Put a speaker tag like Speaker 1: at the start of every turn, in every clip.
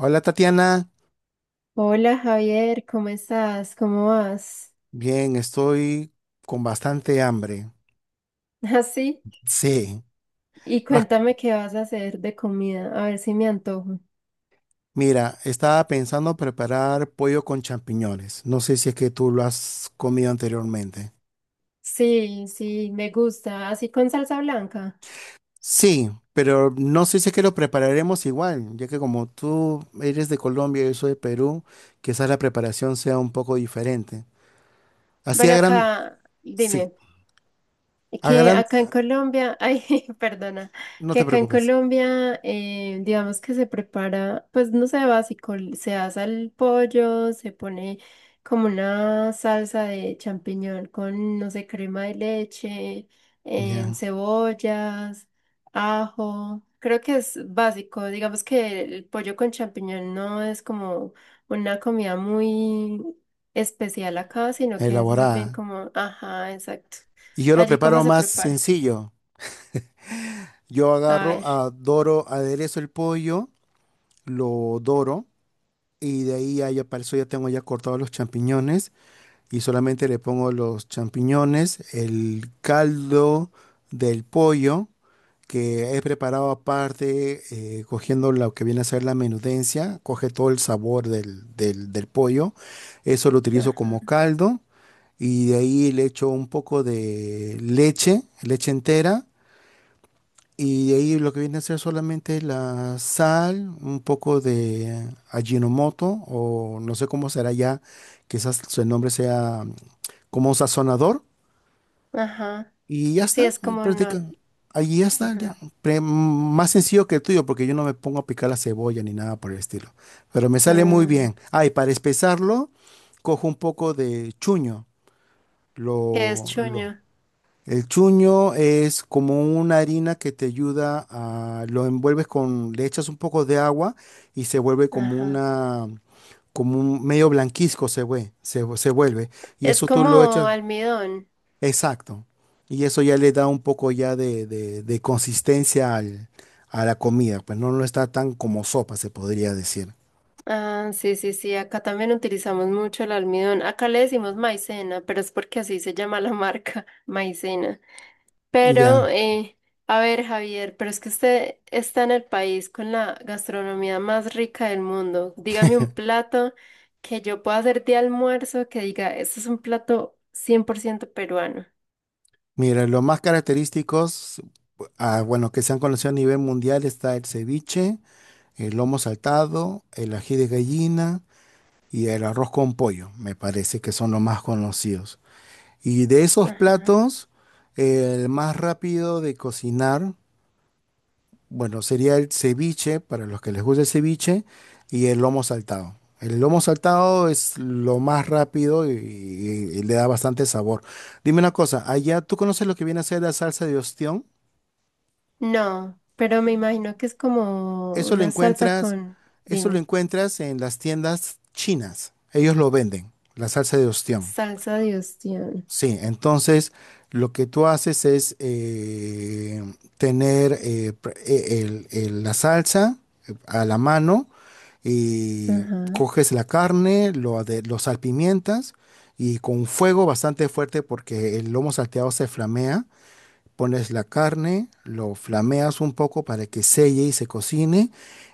Speaker 1: Hola, Tatiana.
Speaker 2: Hola Javier, ¿cómo estás? ¿Cómo vas?
Speaker 1: Bien, estoy con bastante hambre.
Speaker 2: Así.
Speaker 1: Sí.
Speaker 2: Y
Speaker 1: Ah,
Speaker 2: cuéntame qué vas a hacer de comida, a ver si me antojo.
Speaker 1: mira, estaba pensando preparar pollo con champiñones. No sé si es que tú lo has comido anteriormente.
Speaker 2: Sí, sí, me gusta, así con salsa blanca.
Speaker 1: Sí, pero no sé si es que lo prepararemos igual, ya que como tú eres de Colombia y yo soy de Perú, quizás la preparación sea un poco diferente. Así a
Speaker 2: Bueno,
Speaker 1: gran,
Speaker 2: acá,
Speaker 1: sí,
Speaker 2: dime.
Speaker 1: a
Speaker 2: Que
Speaker 1: gran,
Speaker 2: acá en Colombia, ay, perdona,
Speaker 1: no
Speaker 2: que
Speaker 1: te
Speaker 2: acá en
Speaker 1: preocupes.
Speaker 2: Colombia, digamos que se prepara, pues no sé, básico, se asa el pollo, se pone como una salsa de champiñón con, no sé, crema de leche,
Speaker 1: Ya,
Speaker 2: cebollas, ajo. Creo que es básico, digamos que el pollo con champiñón no es como una comida muy especial acá, sino que es más bien
Speaker 1: elaborada.
Speaker 2: como, ajá, exacto.
Speaker 1: Y yo lo
Speaker 2: Allí cómo
Speaker 1: preparo
Speaker 2: se
Speaker 1: más
Speaker 2: prepara.
Speaker 1: sencillo. Yo
Speaker 2: A ver.
Speaker 1: aderezo el pollo, lo doro y de ahí ya, para eso ya tengo ya cortados los champiñones y solamente le pongo los champiñones, el caldo del pollo que he preparado aparte, cogiendo lo que viene a ser la menudencia, coge todo el sabor del pollo. Eso lo utilizo
Speaker 2: Ajá.
Speaker 1: como caldo y de ahí le echo un poco de leche, leche entera, y de ahí lo que viene a ser solamente la sal, un poco de Ajinomoto, o no sé cómo será ya, quizás su nombre sea, como un sazonador,
Speaker 2: Ajá.
Speaker 1: y ya
Speaker 2: Sí,
Speaker 1: está,
Speaker 2: es
Speaker 1: y
Speaker 2: como no.
Speaker 1: practica. Ahí ya está, ya.
Speaker 2: Ajá.
Speaker 1: Pre- mm, Más sencillo que el tuyo, porque yo no me pongo a picar la cebolla ni nada por el estilo. Pero me sale muy
Speaker 2: Mm.
Speaker 1: bien. Ah, y para espesarlo, cojo un poco de chuño,
Speaker 2: ¿Qué es
Speaker 1: lo, lo,
Speaker 2: chuño?
Speaker 1: el chuño es como una harina que te ayuda a, lo envuelves con, le echas un poco de agua y se vuelve como
Speaker 2: Ajá.
Speaker 1: una, como un medio blanquizco se vuelve. Y
Speaker 2: Es
Speaker 1: eso tú lo
Speaker 2: como
Speaker 1: echas,
Speaker 2: almidón.
Speaker 1: exacto. Y eso ya le da un poco ya de consistencia a la comida, pues no, no está tan como sopa, se podría decir.
Speaker 2: Ah, sí, sí, sí. Acá también utilizamos mucho el almidón. Acá le decimos maicena, pero es porque así se llama la marca, maicena. Pero,
Speaker 1: Ya,
Speaker 2: a ver, Javier, pero es que usted está en el país con la gastronomía más rica del mundo. Dígame un plato que yo pueda hacer de almuerzo que diga, esto es un plato 100% peruano.
Speaker 1: mira, los más característicos, ah, bueno, que se han conocido a nivel mundial, está el ceviche, el lomo saltado, el ají de gallina y el arroz con pollo. Me parece que son los más conocidos. Y de esos
Speaker 2: Ajá.
Speaker 1: platos, el más rápido de cocinar, bueno, sería el ceviche, para los que les gusta el ceviche, y el lomo saltado. El lomo saltado es lo más rápido y le da bastante sabor. Dime una cosa, allá tú conoces lo que viene a ser la salsa de ostión.
Speaker 2: No, pero me imagino que es como
Speaker 1: Eso lo
Speaker 2: una salsa
Speaker 1: encuentras,
Speaker 2: con,
Speaker 1: Eso lo
Speaker 2: dime,
Speaker 1: encuentras en las tiendas chinas. Ellos lo venden, la salsa de ostión.
Speaker 2: salsa de ostión.
Speaker 1: Sí, entonces lo que tú haces es tener la salsa a la mano, y
Speaker 2: Ajá,
Speaker 1: coges la carne, lo salpimientas, y con fuego bastante fuerte porque el lomo salteado se flamea, pones la carne, lo flameas un poco para que selle y se cocine,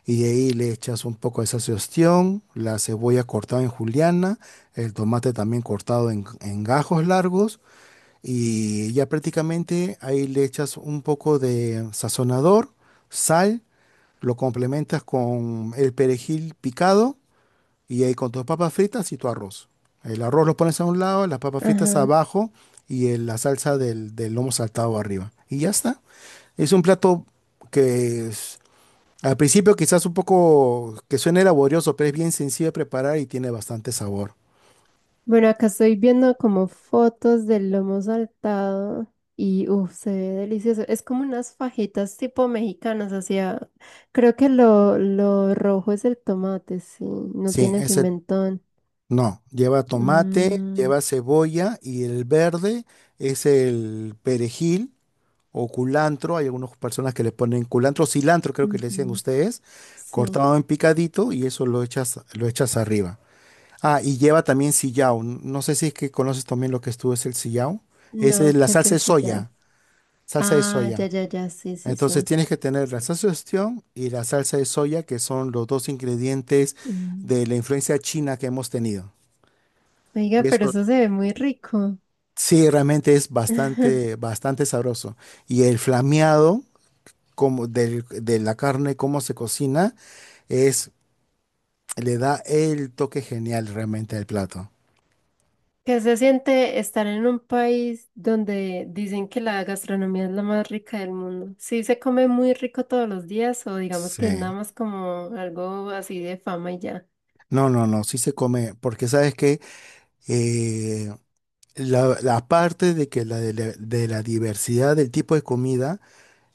Speaker 1: y de ahí le echas un poco de salsa de ostión, la cebolla cortada en juliana, el tomate también cortado en gajos largos, y ya prácticamente ahí le echas un poco de sazonador, sal, lo complementas con el perejil picado, y ahí con tus papas fritas y tu arroz. El arroz lo pones a un lado, las papas fritas
Speaker 2: ajá.
Speaker 1: abajo, y la salsa del lomo saltado arriba. Y ya está. Es un plato que es- al principio quizás un poco que suene laborioso, pero es bien sencillo de preparar y tiene bastante sabor.
Speaker 2: Bueno, acá estoy viendo como fotos del lomo saltado y uff, se ve delicioso. Es como unas fajitas tipo mexicanas, o sea, creo que lo rojo es el tomate, sí, no
Speaker 1: Sí,
Speaker 2: tiene
Speaker 1: ese
Speaker 2: pimentón.
Speaker 1: no, lleva tomate,
Speaker 2: Mm,
Speaker 1: lleva cebolla, y el verde es el perejil o culantro. Hay algunas personas que le ponen culantro, cilantro creo que le decían
Speaker 2: ujú.
Speaker 1: ustedes,
Speaker 2: Sí,
Speaker 1: cortado en picadito, y eso lo echas arriba. Ah, y lleva también sillao. No sé si es que conoces también lo que es tú, es el sillao. Esa es
Speaker 2: no,
Speaker 1: la
Speaker 2: que es
Speaker 1: salsa de
Speaker 2: el sillado.
Speaker 1: soya, salsa de
Speaker 2: Ah, ya,
Speaker 1: soya.
Speaker 2: ya, ya, sí, sí,
Speaker 1: Entonces
Speaker 2: sí.
Speaker 1: tienes que tener la salsa de ostión y la salsa de soya, que son los dos ingredientes
Speaker 2: Mm.
Speaker 1: de la influencia china que hemos tenido.
Speaker 2: Oiga,
Speaker 1: Y
Speaker 2: pero
Speaker 1: eso
Speaker 2: eso se ve muy rico.
Speaker 1: sí realmente es bastante, bastante sabroso. Y el flameado como de la carne, cómo se cocina, es, le da el toque genial realmente al plato.
Speaker 2: ¿Qué se siente estar en un país donde dicen que la gastronomía es la más rica del mundo? ¿Sí se come muy rico todos los días o digamos que es
Speaker 1: Sí.
Speaker 2: nada más como algo así de fama y ya?
Speaker 1: No, no, no, sí se come, porque sabes que la parte de la diversidad del tipo de comida,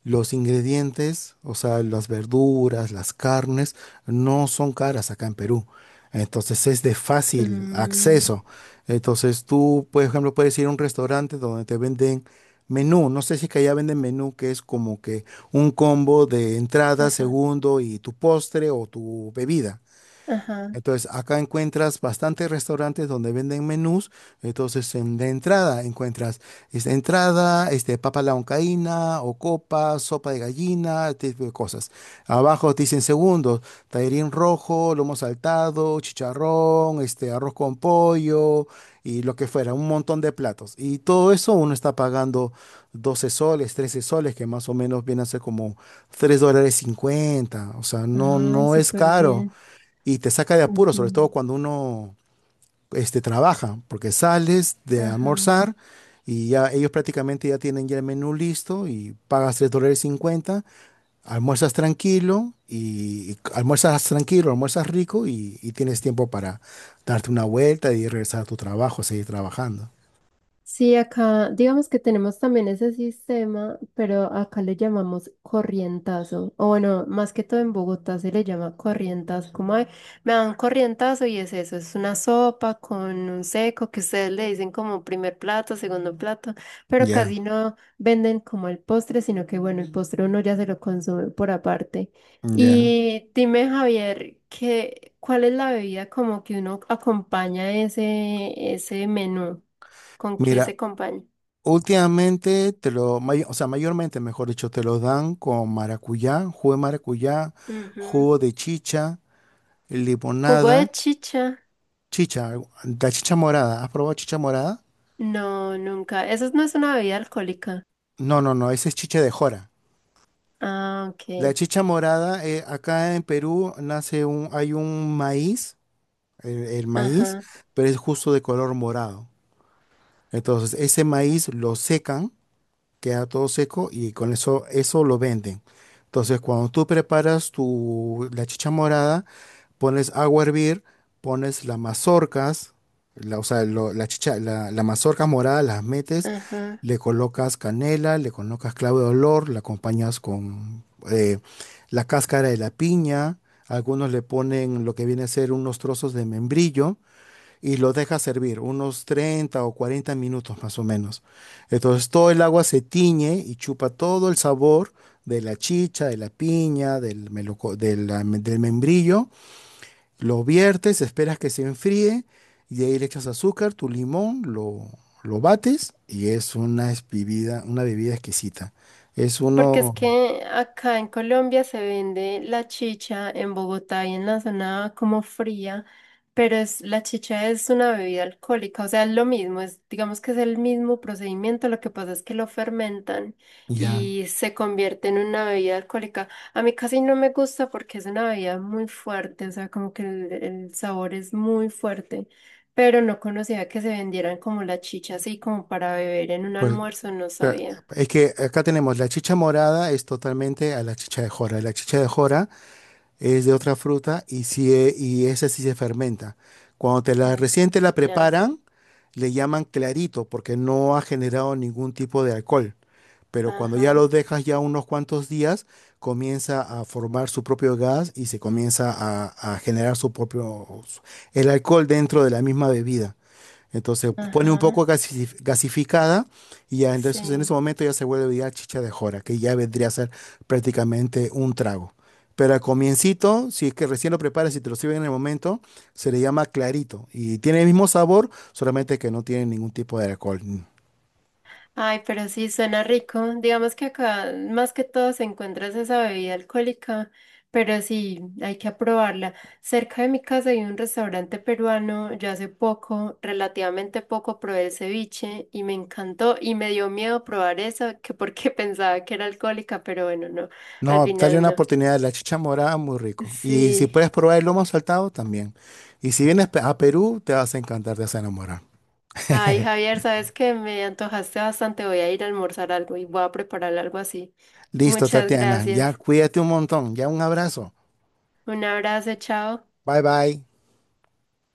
Speaker 1: los ingredientes, o sea, las verduras, las carnes, no son caras acá en Perú. Entonces es de fácil
Speaker 2: Mm,
Speaker 1: acceso. Entonces tú, por ejemplo, puedes ir a un restaurante donde te venden menú. No sé si es que allá venden menú, que es como que un combo de entrada,
Speaker 2: ajá,
Speaker 1: segundo y tu postre o tu bebida.
Speaker 2: ajá.
Speaker 1: Entonces, acá encuentras bastantes restaurantes donde venden menús. Entonces, de entrada encuentras esta entrada, este, papa a la huancaína, o sopa de gallina, este tipo de cosas. Abajo te dicen segundos, tallarín rojo, lomo saltado, chicharrón, este, arroz con pollo y lo que fuera, un montón de platos. Y todo eso uno está pagando 12 soles, 13 soles, que más o menos viene a ser como $3.50. O sea, no,
Speaker 2: Ay,
Speaker 1: no es
Speaker 2: súper
Speaker 1: caro,
Speaker 2: bien.
Speaker 1: y te saca de apuro,
Speaker 2: Ujú.
Speaker 1: sobre todo cuando uno, este, trabaja, porque sales de
Speaker 2: Ajá.
Speaker 1: almorzar y ya ellos prácticamente ya tienen ya el menú listo, y pagas $3.50, almuerzas tranquilo, almuerzas rico y tienes tiempo para darte una vuelta y regresar a tu trabajo, seguir trabajando.
Speaker 2: Sí, acá digamos que tenemos también ese sistema, pero acá le llamamos corrientazo. O bueno, más que todo en Bogotá se le llama corrientazo. Como "Ay, me dan corrientazo" y es eso, es una sopa con un seco que ustedes le dicen como primer plato, segundo plato, pero
Speaker 1: Ya,
Speaker 2: casi no venden como el postre, sino que bueno, el postre uno ya se lo consume por aparte.
Speaker 1: ya.
Speaker 2: Y dime, Javier, ¿qué ¿cuál es la bebida como que uno acompaña ese, ese menú? ¿Con qué se
Speaker 1: Mira,
Speaker 2: acompaña?
Speaker 1: últimamente o sea, mayormente, mejor dicho, te lo dan con maracuyá,
Speaker 2: Ujú.
Speaker 1: jugo de chicha,
Speaker 2: ¿Jugo de
Speaker 1: limonada,
Speaker 2: chicha?
Speaker 1: chicha, la chicha morada. ¿Has probado chicha morada?
Speaker 2: No, nunca. Eso no es una bebida alcohólica.
Speaker 1: No, no, no, esa es chicha de jora.
Speaker 2: Ah, ok.
Speaker 1: La chicha morada, acá en Perú nace un, hay un maíz, el maíz,
Speaker 2: Ajá,
Speaker 1: pero es justo de color morado. Entonces, ese maíz lo secan, queda todo seco y con eso lo venden. Entonces, cuando tú preparas la chicha morada, pones agua a hervir, pones las mazorcas, la, o sea, lo- la chicha, la mazorca morada, las metes,
Speaker 2: ajá.
Speaker 1: le colocas canela, le colocas clavo de olor, la acompañas con, eh, la cáscara de la piña, algunos le ponen lo que viene a ser unos trozos de membrillo, y lo dejas servir unos 30 o 40 minutos más o menos. Entonces todo el agua se tiñe y chupa todo el sabor de la chicha, de la piña, del, meloco- de la- del membrillo. Lo viertes, esperas que se enfríe, y de ahí le echas azúcar, tu limón, lo bates, y es una bebida exquisita. Es
Speaker 2: Porque es
Speaker 1: uno,
Speaker 2: que acá en Colombia se vende la chicha en Bogotá y en la zona como fría, pero es, la chicha es una bebida alcohólica, o sea, es lo mismo, es, digamos que es el mismo procedimiento, lo que pasa es que lo fermentan
Speaker 1: ya.
Speaker 2: y se convierte en una bebida alcohólica. A mí casi no me gusta porque es una bebida muy fuerte, o sea, como que el sabor es muy fuerte, pero no conocía que se vendieran como la chicha así como para beber en un
Speaker 1: pues... o
Speaker 2: almuerzo, no
Speaker 1: sea,
Speaker 2: sabía.
Speaker 1: es que acá tenemos la chicha morada, es totalmente a la chicha de jora. La chicha de jora es de otra fruta y, si, e- y esa sí se fermenta. Cuando te la
Speaker 2: Mm.
Speaker 1: recién te la
Speaker 2: Ya.
Speaker 1: preparan, le llaman clarito porque no ha generado ningún tipo de alcohol. Pero cuando ya lo
Speaker 2: Ajá,
Speaker 1: dejas ya unos cuantos días, comienza a formar su propio gas y se comienza a generar el alcohol dentro de la misma bebida. Entonces pone un
Speaker 2: ajá,
Speaker 1: poco gasificada, y ya entonces en ese
Speaker 2: sí.
Speaker 1: momento ya se vuelve ya chicha de jora, que ya vendría a ser prácticamente un trago. Pero al comiencito, si es que recién lo preparas y te lo sirven en el momento, se le llama clarito y tiene el mismo sabor, solamente que no tiene ningún tipo de alcohol.
Speaker 2: Ay, pero sí, suena rico. Digamos que acá más que todo se encuentra es esa bebida alcohólica, pero sí, hay que aprobarla. Cerca de mi casa hay un restaurante peruano, yo hace poco, relativamente poco, probé el ceviche y me encantó y me dio miedo probar eso, que porque pensaba que era alcohólica, pero bueno, no, al
Speaker 1: No, dale
Speaker 2: final
Speaker 1: una
Speaker 2: no.
Speaker 1: oportunidad, la chicha morada, muy rico. Y si
Speaker 2: Sí.
Speaker 1: puedes probar el lomo saltado, también. Y si vienes a Perú, te vas a encantar, te vas a enamorar.
Speaker 2: Ay, Javier, sabes que me antojaste bastante. Voy a ir a almorzar algo y voy a preparar algo así.
Speaker 1: Listo,
Speaker 2: Muchas
Speaker 1: Tatiana, ya
Speaker 2: gracias.
Speaker 1: cuídate un montón, ya un abrazo.
Speaker 2: Un abrazo, chao.
Speaker 1: Bye bye.